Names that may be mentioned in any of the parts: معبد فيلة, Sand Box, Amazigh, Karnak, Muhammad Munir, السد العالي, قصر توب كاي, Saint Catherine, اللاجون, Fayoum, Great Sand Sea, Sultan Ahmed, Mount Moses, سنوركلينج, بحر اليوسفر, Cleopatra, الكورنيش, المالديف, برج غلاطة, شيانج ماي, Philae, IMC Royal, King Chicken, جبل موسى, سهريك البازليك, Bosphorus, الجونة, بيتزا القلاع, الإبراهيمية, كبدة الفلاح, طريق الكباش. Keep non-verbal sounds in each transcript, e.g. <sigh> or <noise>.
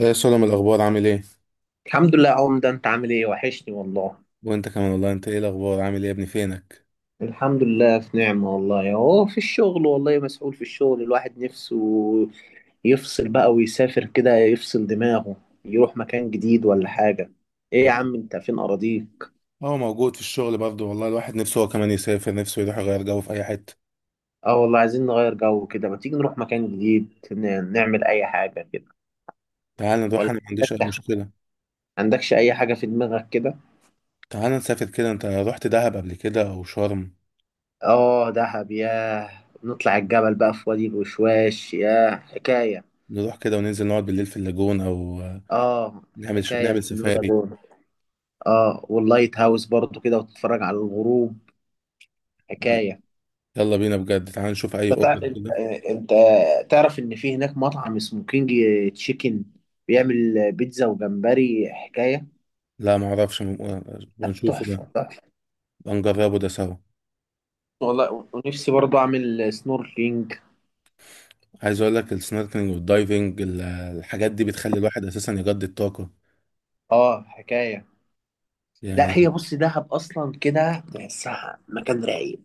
ايه، سلم. الاخبار عامل ايه؟ الحمد لله يا عمدة، انت عامل ايه؟ وحشني والله. وانت كمان والله. انت ايه الاخبار؟ عامل ايه يا ابني؟ فينك؟ الحمد لله في نعمة، والله اهو في الشغل. والله مسؤول في الشغل، الواحد نفسه يفصل بقى ويسافر كده، يفصل دماغه، يروح مكان جديد ولا حاجة. ايه يا اه. عم انت فين اراضيك؟ موجود في الشغل برضه والله، الواحد نفسه هو كمان يسافر، نفسه يروح يغير جو في اي حته. اه والله عايزين نغير جو كده. ما تيجي نروح مكان جديد، نعمل اي حاجة كده. تعال نروح، ولا انا ما عنديش اي عندك- مشكله. عندكش اي حاجة في دماغك كده؟ تعال نسافر كده. انت رحت دهب قبل كده او شرم؟ اه دهب، ياه. نطلع الجبل بقى في وادي الوشواش، ياه حكاية. نروح كده وننزل نقعد بالليل في اللاجون، او اه حكاية نعمل البلو سفاري. لاجون. اه واللايت هاوس برضو كده، وتتفرج على الغروب، حكاية. يلا بينا بجد، تعال نشوف اي انت تع- اوفر كده. آه، انت تعرف ان في هناك مطعم اسمه كينج تشيكن، بيعمل بيتزا وجمبري، حكاية. لا ما اعرفش، م... آه، لا، بنشوفه ده. تحفة تحفة. بنجربه ده سوا. والله ونفسي برضو اعمل سنوركلينج. عايز اقول لك، السنوركلينج والدايفنج الحاجات دي بتخلي الواحد اساسا يجدد طاقه اه حكاية. لا يعني. هي بص، دهب اصلا كده تحسها مكان رايق.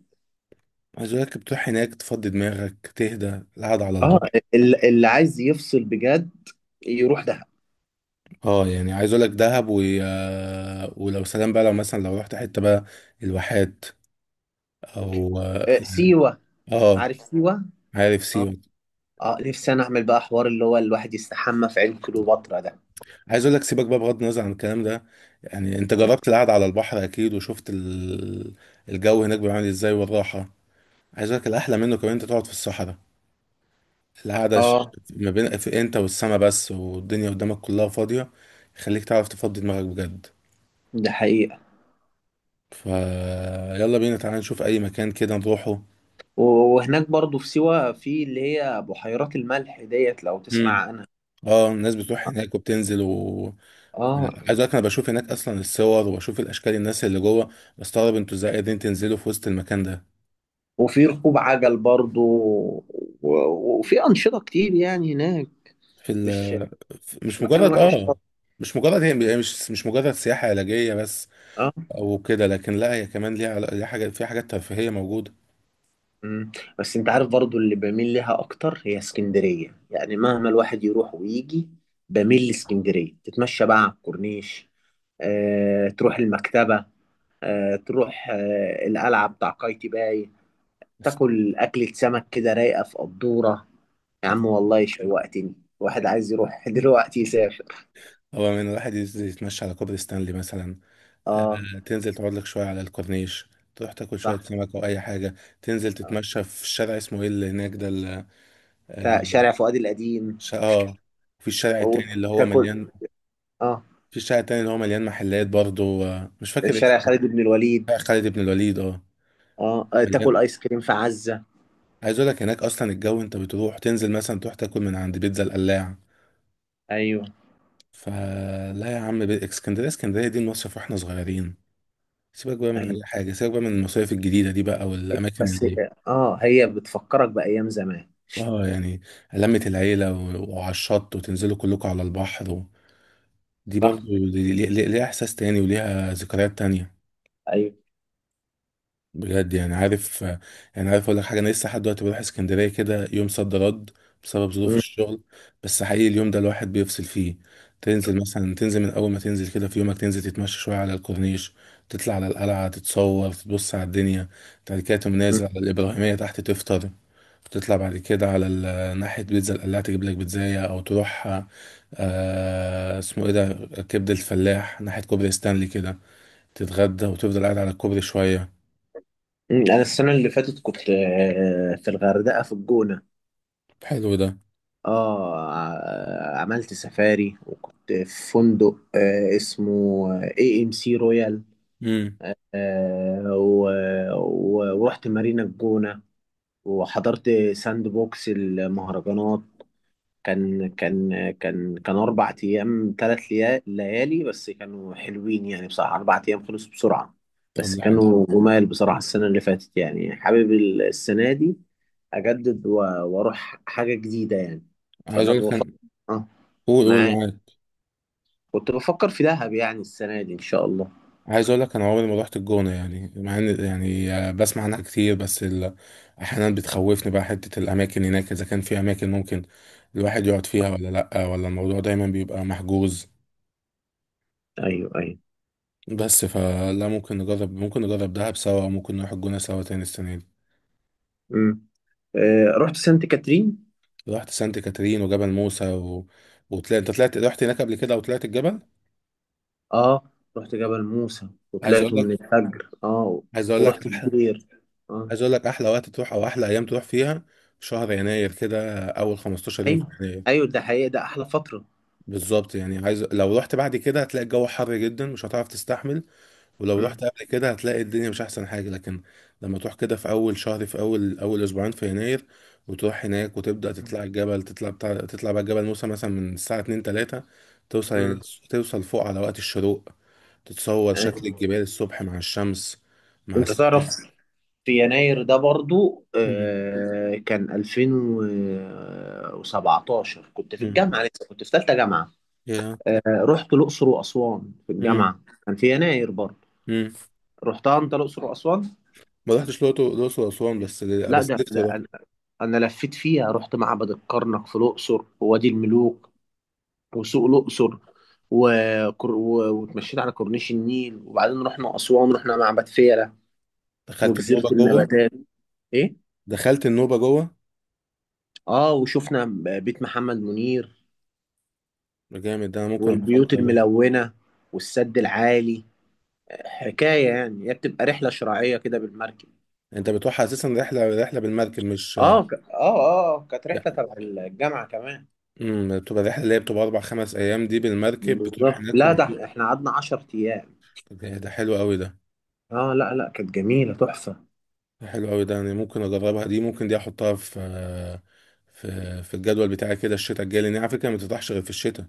عايز اقول لك بتروح هناك تفضي دماغك، تهدى القعدة على اه البحر. اللي عايز يفصل بجد يروح دهب. اه يعني، عايز اقول لك دهب و... آه، ولو سلام بقى، لو مثلا لو رحت حتة بقى، الواحات او اه آه، يعني- سيوة. آه، عارف سيوة. عارف اه. سيوة. اه نفسي انا اعمل بقى حوار اللي هو الواحد يستحمى في عين كليوباترا ده. عايز اقول لك سيبك بقى بغض النظر عن الكلام ده. يعني انت جربت القعدة على البحر اكيد، وشفت الجو هناك بيعمل ازاي والراحة. عايز اقول لك، الاحلى منه كمان انت تقعد في الصحراء. القعدة اه. ما بين في انت والسما بس، والدنيا قدامك كلها فاضية. يخليك تعرف تفضي دماغك بجد. ده حقيقة. فيلا بينا، تعالى نشوف اي مكان كده نروحه. و- وهناك برضو في سيوة، في اللي هي بحيرات الملح ديت لو تسمع امم. عنها. اه، الناس بتروح هناك وبتنزل و... اه عايز اقول لك انا بشوف هناك اصلا الصور، وبشوف الاشكال، الناس اللي جوه. بستغرب انتوا ازاي قادرين تنزلوا في وسط المكان ده. وفي ركوب عجل برضو، و وفي أنشطة كتير يعني هناك. في ال مش في- مش مش مكان مجرد وحش خالص. اه مش مجرد سياحة علاجية بس. اه. او كده، لكن لا هي كمان ليها حاجة، فيها حاجات ترفيهية موجودة. مم. بس انت عارف برضو اللي بميل لها اكتر هي اسكندرية. يعني مهما الواحد يروح ويجي، بميل لاسكندرية. تتمشى بقى على الكورنيش، آه، تروح المكتبة، آه، تروح آه، القلعة بتاع قايتي باي، بس تاكل أكلة سمك كده رايقة في قدورة. يا عم والله شوقتني، واحد عايز يروح <laughs> دلوقتي يسافر. هو من الواحد يتمشى على كوبري ستانلي مثلا. اه تنزل تقعد لك شوية على الكورنيش، تروح تاكل شوية صح. سمك أو أي حاجة. تنزل تتمشى في الشارع، اسمه إيه اللي هناك ده، آه شارع فؤاد القديم. ش- آه في الشارع التاني أو اللي هو تاكل. مليان اه في الشارع التاني اللي هو مليان محلات برضه، مش فاكر شارع اسمه. خالد بن الوليد. شارع خالد بن الوليد، اه. اه آه، تاكل مليان. آيس كريم في عزة. عايز أقول لك هناك أصلا الجو. أنت بتروح تنزل مثلا تروح تاكل من عند بيتزا القلاع. أيوه فلا يا عم، اسكندرية دي المصيف واحنا صغيرين. سيبك بقى من أيوه. أي حاجة، سيبك بقى من المصايف الجديدة دي بقى والأماكن بس اللي... اه هي بتفكرك بأيام زمان. اه يعني، لمة العيلة وعلى الشط، وتنزلوا كلكم على البحر. و... دي صح برضو، ليها احساس تاني وليها ذكريات تانية. أيوه. بجد يعني. عارف، اقول لك حاجة: انا لسه لحد دلوقتي بروح اسكندرية كده يوم صد رد بسبب ظروف م- الشغل. بس حقيقي اليوم ده الواحد بيفصل فيه. تنزل من اول ما تنزل كده في يومك، تنزل تتمشى شوية على الكورنيش. تطلع على القلعة، تتصور، تبص على الدنيا. بعد كده تقوم نازل على م- الإبراهيمية تحت تفطر. بتطلع بعد كده على ناحية بيتزا القلاع، تجيب لك بيتزاية أو تروح... اسمه إيه ده؟ كبدة الفلاح، ناحية كوبري ستانلي كده. تتغدى، وتفضل قاعد على الكوبري شوية. م. أنا السنة اللي فاتت كنت آه، في الغردقة في الجونة. حلو ده. اه عملت سفاري، وكنت في فندق آه اسمه اي ام سي رويال. امم. آه و ورحت مارينا الجونة، وحضرت ساند بوكس المهرجانات. كان اربع ايام ثلاث ليالي، بس كانوا حلوين يعني بصراحة. اربع ايام خلصوا بسرعة، طب بس ده حلو. كانوا جمال بصراحة. السنة اللي فاتت، يعني حابب السنة دي اجدد، واروح حاجة جديدة يعني. عايز فانا أقول لك بفكر. أنا... اه. قول، قول معاك. معاك. كنت بفكر في دهب يعني السنة دي إن شاء الله. عايز أقول لك أنا عمري ما رحت الجونة، يعني مع إن يعني، بسمع عنها كتير، بس أحيانا بتخوفني بقى حتة الأماكن هناك، إذا كان في أماكن ممكن الواحد يقعد فيها ولا لأ، ولا الموضوع دايما بيبقى محجوز. أيوه أيوه. بس فلا، ممكن نجرب، ممكن نجرب دهب سوا، ممكن نروح الجونة سوا تاني السنة دي. امم. آه رحت سانت كاترين. رحت سانت كاترين وجبل موسى انت طلعت رحت هناك قبل كده، وطلعت الجبل. أه رحت جبل موسى عايز اقول وطلعته من لك الفجر، أه. عايز اقول لك ورحت احلى الدير، أه. عايز اقول لك احلى وقت تروح، او احلى ايام تروح فيها، شهر يناير كده، اول 15 يوم في أيوه يناير. أيوه ده حقيقة، ده أحلى فترة. بالظبط يعني عايز، لو رحت بعد كده هتلاقي الجو حر جدا مش هتعرف تستحمل. ولو امم. رحت قبل كده هتلاقي الدنيا مش احسن حاجة. لكن لما تروح كده في اول شهر، في اول اسبوعين في يناير، وتروح هناك وتبدأ تطلع الجبل، تطلع بقى جبل موسى مثلا من الساعة 2 3، توصل امم. توصل فوق على وقت الشروق. تتصور شكل أيوه. الجبال الصبح مع الشمس، مع أنت السحاب. تعرف، في يناير ده برضو مم. آه كان 2017، كنت في مم. الجامعة لسه، كنت في ثالثة جامعة. يا. آه، رحت الأقصر وأسوان في مم. الجامعة، كان في يناير برضو. مم. رحتها أنت الأقصر وأسوان؟ ما رحتش الأقصر. الأقصر وأسوان، بس لا بس ده نفسي ده أروح. انا. أنا لفيت فيها، رحت معبد الكرنك في الاقصر، ووادي الملوك، وسوق الاقصر، واتمشيت على كورنيش النيل، وبعدين رحنا اسوان، رحنا معبد فيلة دخلت وجزيره النوبة جوه؟ النباتات. ايه. دخلت النوبة جوه. اه وشفنا بيت محمد منير ده جامد ده، أنا ممكن أبقى والبيوت أفكر أروح. الملونه والسد العالي، حكايه. يعني هي بتبقى رحله شراعيه كده بالمركب. انت بتروح اساسا رحله، بالمركب مش؟ اه، ك... اه اه كانت لا. رحله تبع الجامعه كمان. امم. بتبقى الرحله اللي هي بتبقى 4 5 ايام دي بالمركب، بتروح بالظبط، هناك لا ده وبتشوف. احنا قعدنا 10 ايام. طب إيه ده حلو قوي ده. اه لا لا، كانت جميله تحفه. ده حلو قوي ده، يعني ممكن اجربها دي، ممكن دي احطها في في الجدول بتاعي كده الشتاء الجاي، لان هي على فكره ما بتفتحش غير في الشتاء.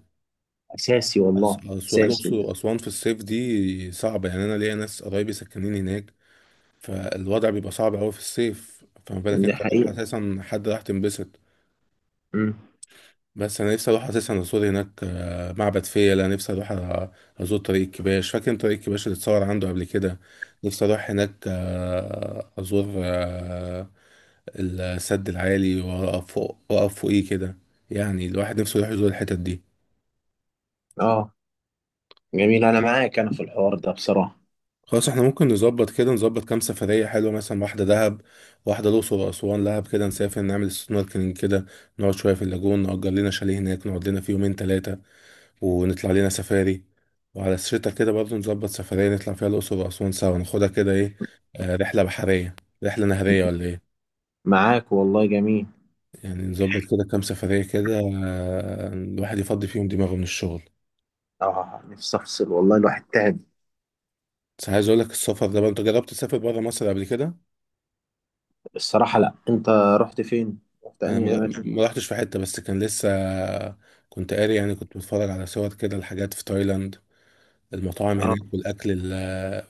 اساسي أس- والله. أس- اساسي. الاقصر واسوان في الصيف دي صعبه يعني. انا ليا ناس قرايبي ساكنين هناك، فالوضع بيبقى صعب قوي في الصيف، فما بالك دي انت رايح حقيقة. اساسا. حد راح تنبسط. امم. بس انا نفسي اروح اساسا ازور هناك، معبد فيلة. نفسي اروح ازور طريق الكباش، فاكر إن طريق الكباش اللي اتصور عنده قبل كده. نفسي اروح هناك، ازور، السد العالي، واقف فوق، واقف فوقيه كده. يعني الواحد نفسه يروح يزور الحتت دي. اه جميل، انا معاك انا في الحوار ده بصراحة. خلاص، احنا ممكن نظبط كده، نظبط كام سفرية حلوة، مثلا واحدة دهب، واحدة الأقصر وأسوان. دهب كده نسافر نعمل سنوركلينج كده، نقعد شوية في اللاجون، نأجر لنا شاليه هناك نقعد لنا فيه يومين تلاتة، ونطلع لينا سفاري. وعلى الشتا كده برضه نظبط سفرية نطلع فيها الأقصر وأسوان سوا، ناخدها كده إيه، رحلة بحرية، رحلة نهرية ولا إيه. معاك والله، جميل. يعني نظبط كده كام سفرية كده، الواحد يفضي فيهم دماغه من الشغل. اه نفسي افصل والله، الواحد تعب. بس عايز أقول لك السفر ده بقى، أنت جربت تسافر برا مصر قبل كده؟ الصراحة لا، انت رحت فين؟ رحت أنا انهي ما اماكن؟ ما رحتش في حتة، بس كان لسه. كنت قاري يعني، كنت بتفرج على صور كده، الحاجات في تايلاند، المطاعم اه. هناك والأكل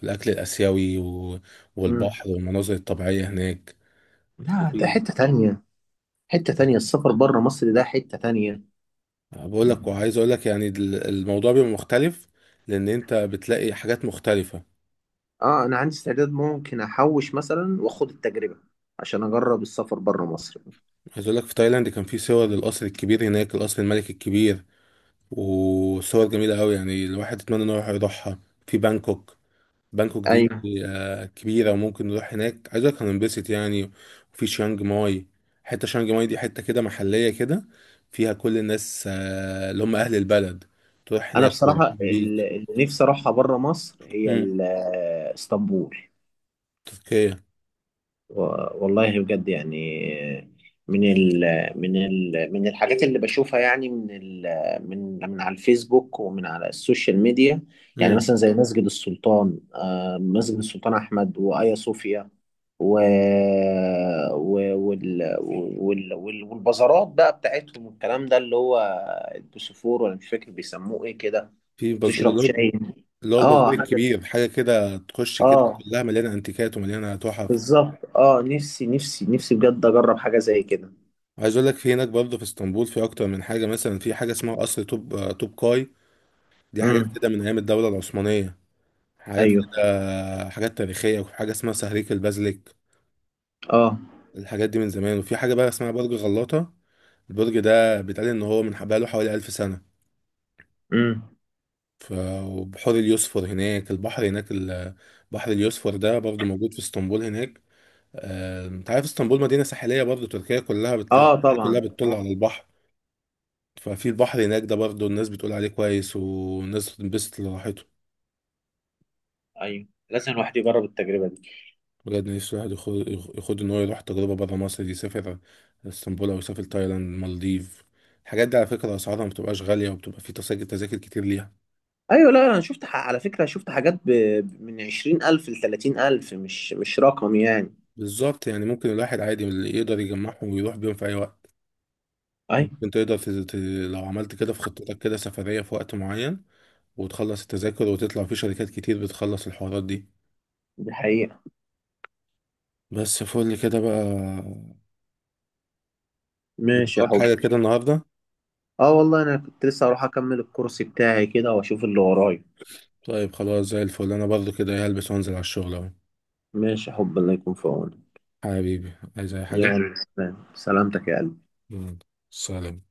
الأكل الآسيوي امم. والبحر والمناظر الطبيعية هناك. لا ده وفي. حتة تانية. حتة تانية، السفر بره مصر ده حتة تانية. بقول لك، وعايز اقول لك يعني الموضوع بيبقى مختلف، لان انت بتلاقي حاجات مختلفه. اه انا عندي استعداد، ممكن احوش مثلا واخد التجربة عشان اجرب السفر بره مصر. عايز اقول لك، في تايلاند كان في صور للقصر الكبير هناك، القصر الملك الكبير، وصور جميله قوي يعني الواحد يتمنى انه يروح يروحها، في بانكوك. بانكوك دي، ايوه. كبيره وممكن نروح هناك. عايز اقول لك هننبسط يعني. وفي شيانج ماي. حته شيانج ماي دي حته كده محليه كده، فيها كل الناس، اللي هم اهل البلد، تروح انا هناك بصراحة بيرحبوا بيك. اللي نفسي اروحها بره مصر هي مم. اسطنبول. تركيا. والله بجد يعني. من ال من الحاجات اللي بشوفها، يعني من ال من من على الفيسبوك ومن على السوشيال ميديا. يعني مثلا زي مسجد السلطان، آه، مسجد السلطان أحمد وآيا صوفيا. و و- وال والبازارات بقى بتاعتهم والكلام ده، اللي هو البوسفور، ولا مش فاكر بيسموه ايه كده. في بازار، تشرب شاي. اللي هو البازار اه حاجة. الكبير، حاجة كده تخش كده اه كلها مليانة انتيكات ومليانة تحف. بالظبط. اه نفسي نفسي نفسي بجد اجرب حاجة زي كده. عايز اقول لك، في هناك برضه في اسطنبول في اكتر من حاجة، مثلا في حاجة اسمها قصر توب، توب كاي. دي حاجات امم. كده من ايام الدولة العثمانية، حاجات ايوه كده حاجات تاريخية. وفي حاجة اسمها سهريك البازليك. اه. الحاجات دي من زمان. وفي حاجة بقى اسمها برج غلاطة، البرج ده بيتقال ان هو من بقاله حوالي 1000 سنة. امم. ف... وبحور اليوسفر هناك، البحر هناك بحر اليوسفر ده برضه موجود في اسطنبول هناك. انت عارف اسطنبول مدينة ساحلية برضه. تركيا كلها اه تركيا كلها طبعا بتطل آه. على البحر. ففي البحر هناك ده برضه الناس بتقول عليه كويس، والناس بتنبسط لراحته. ايوه، لازم الواحد يجرب التجربه دي. بجد نفسي الواحد يخد ان هو يروح تجربة برا مصر دي، يسافر اسطنبول او يسافر تايلاند، المالديف. الحاجات دي على فكرة اسعارها ما بتبقاش غالية، وبتبقى في تذاكر كتير ليها. ايوه. لا انا شفت، على فكره شفت حاجات، من 20,000 ل 30,000، مش رقم يعني. بالظبط يعني، ممكن الواحد عادي اللي يقدر يجمعهم ويروح بيهم في اي وقت. ايوه ممكن تقدر لو عملت كده في خطتك كده سفرية في وقت معين، وتخلص التذاكر، وتطلع في شركات كتير بتخلص الحوارات دي. دي حقيقه. بس فل كده بقى. انت ماشي يا وراك حاجة حبي. كده النهاردة؟ اه والله انا كنت لسه هروح اكمل الكورس بتاعي كده واشوف اللي ورايا. طيب خلاص، زي الفل، انا برضو كده هلبس وانزل على الشغل اهو. ماشي يا حبي، الله يكون في عونك. حبيبي، عايز اي حاجة؟ يلا سلام، سلامتك يا قلبي. يلا. سلام.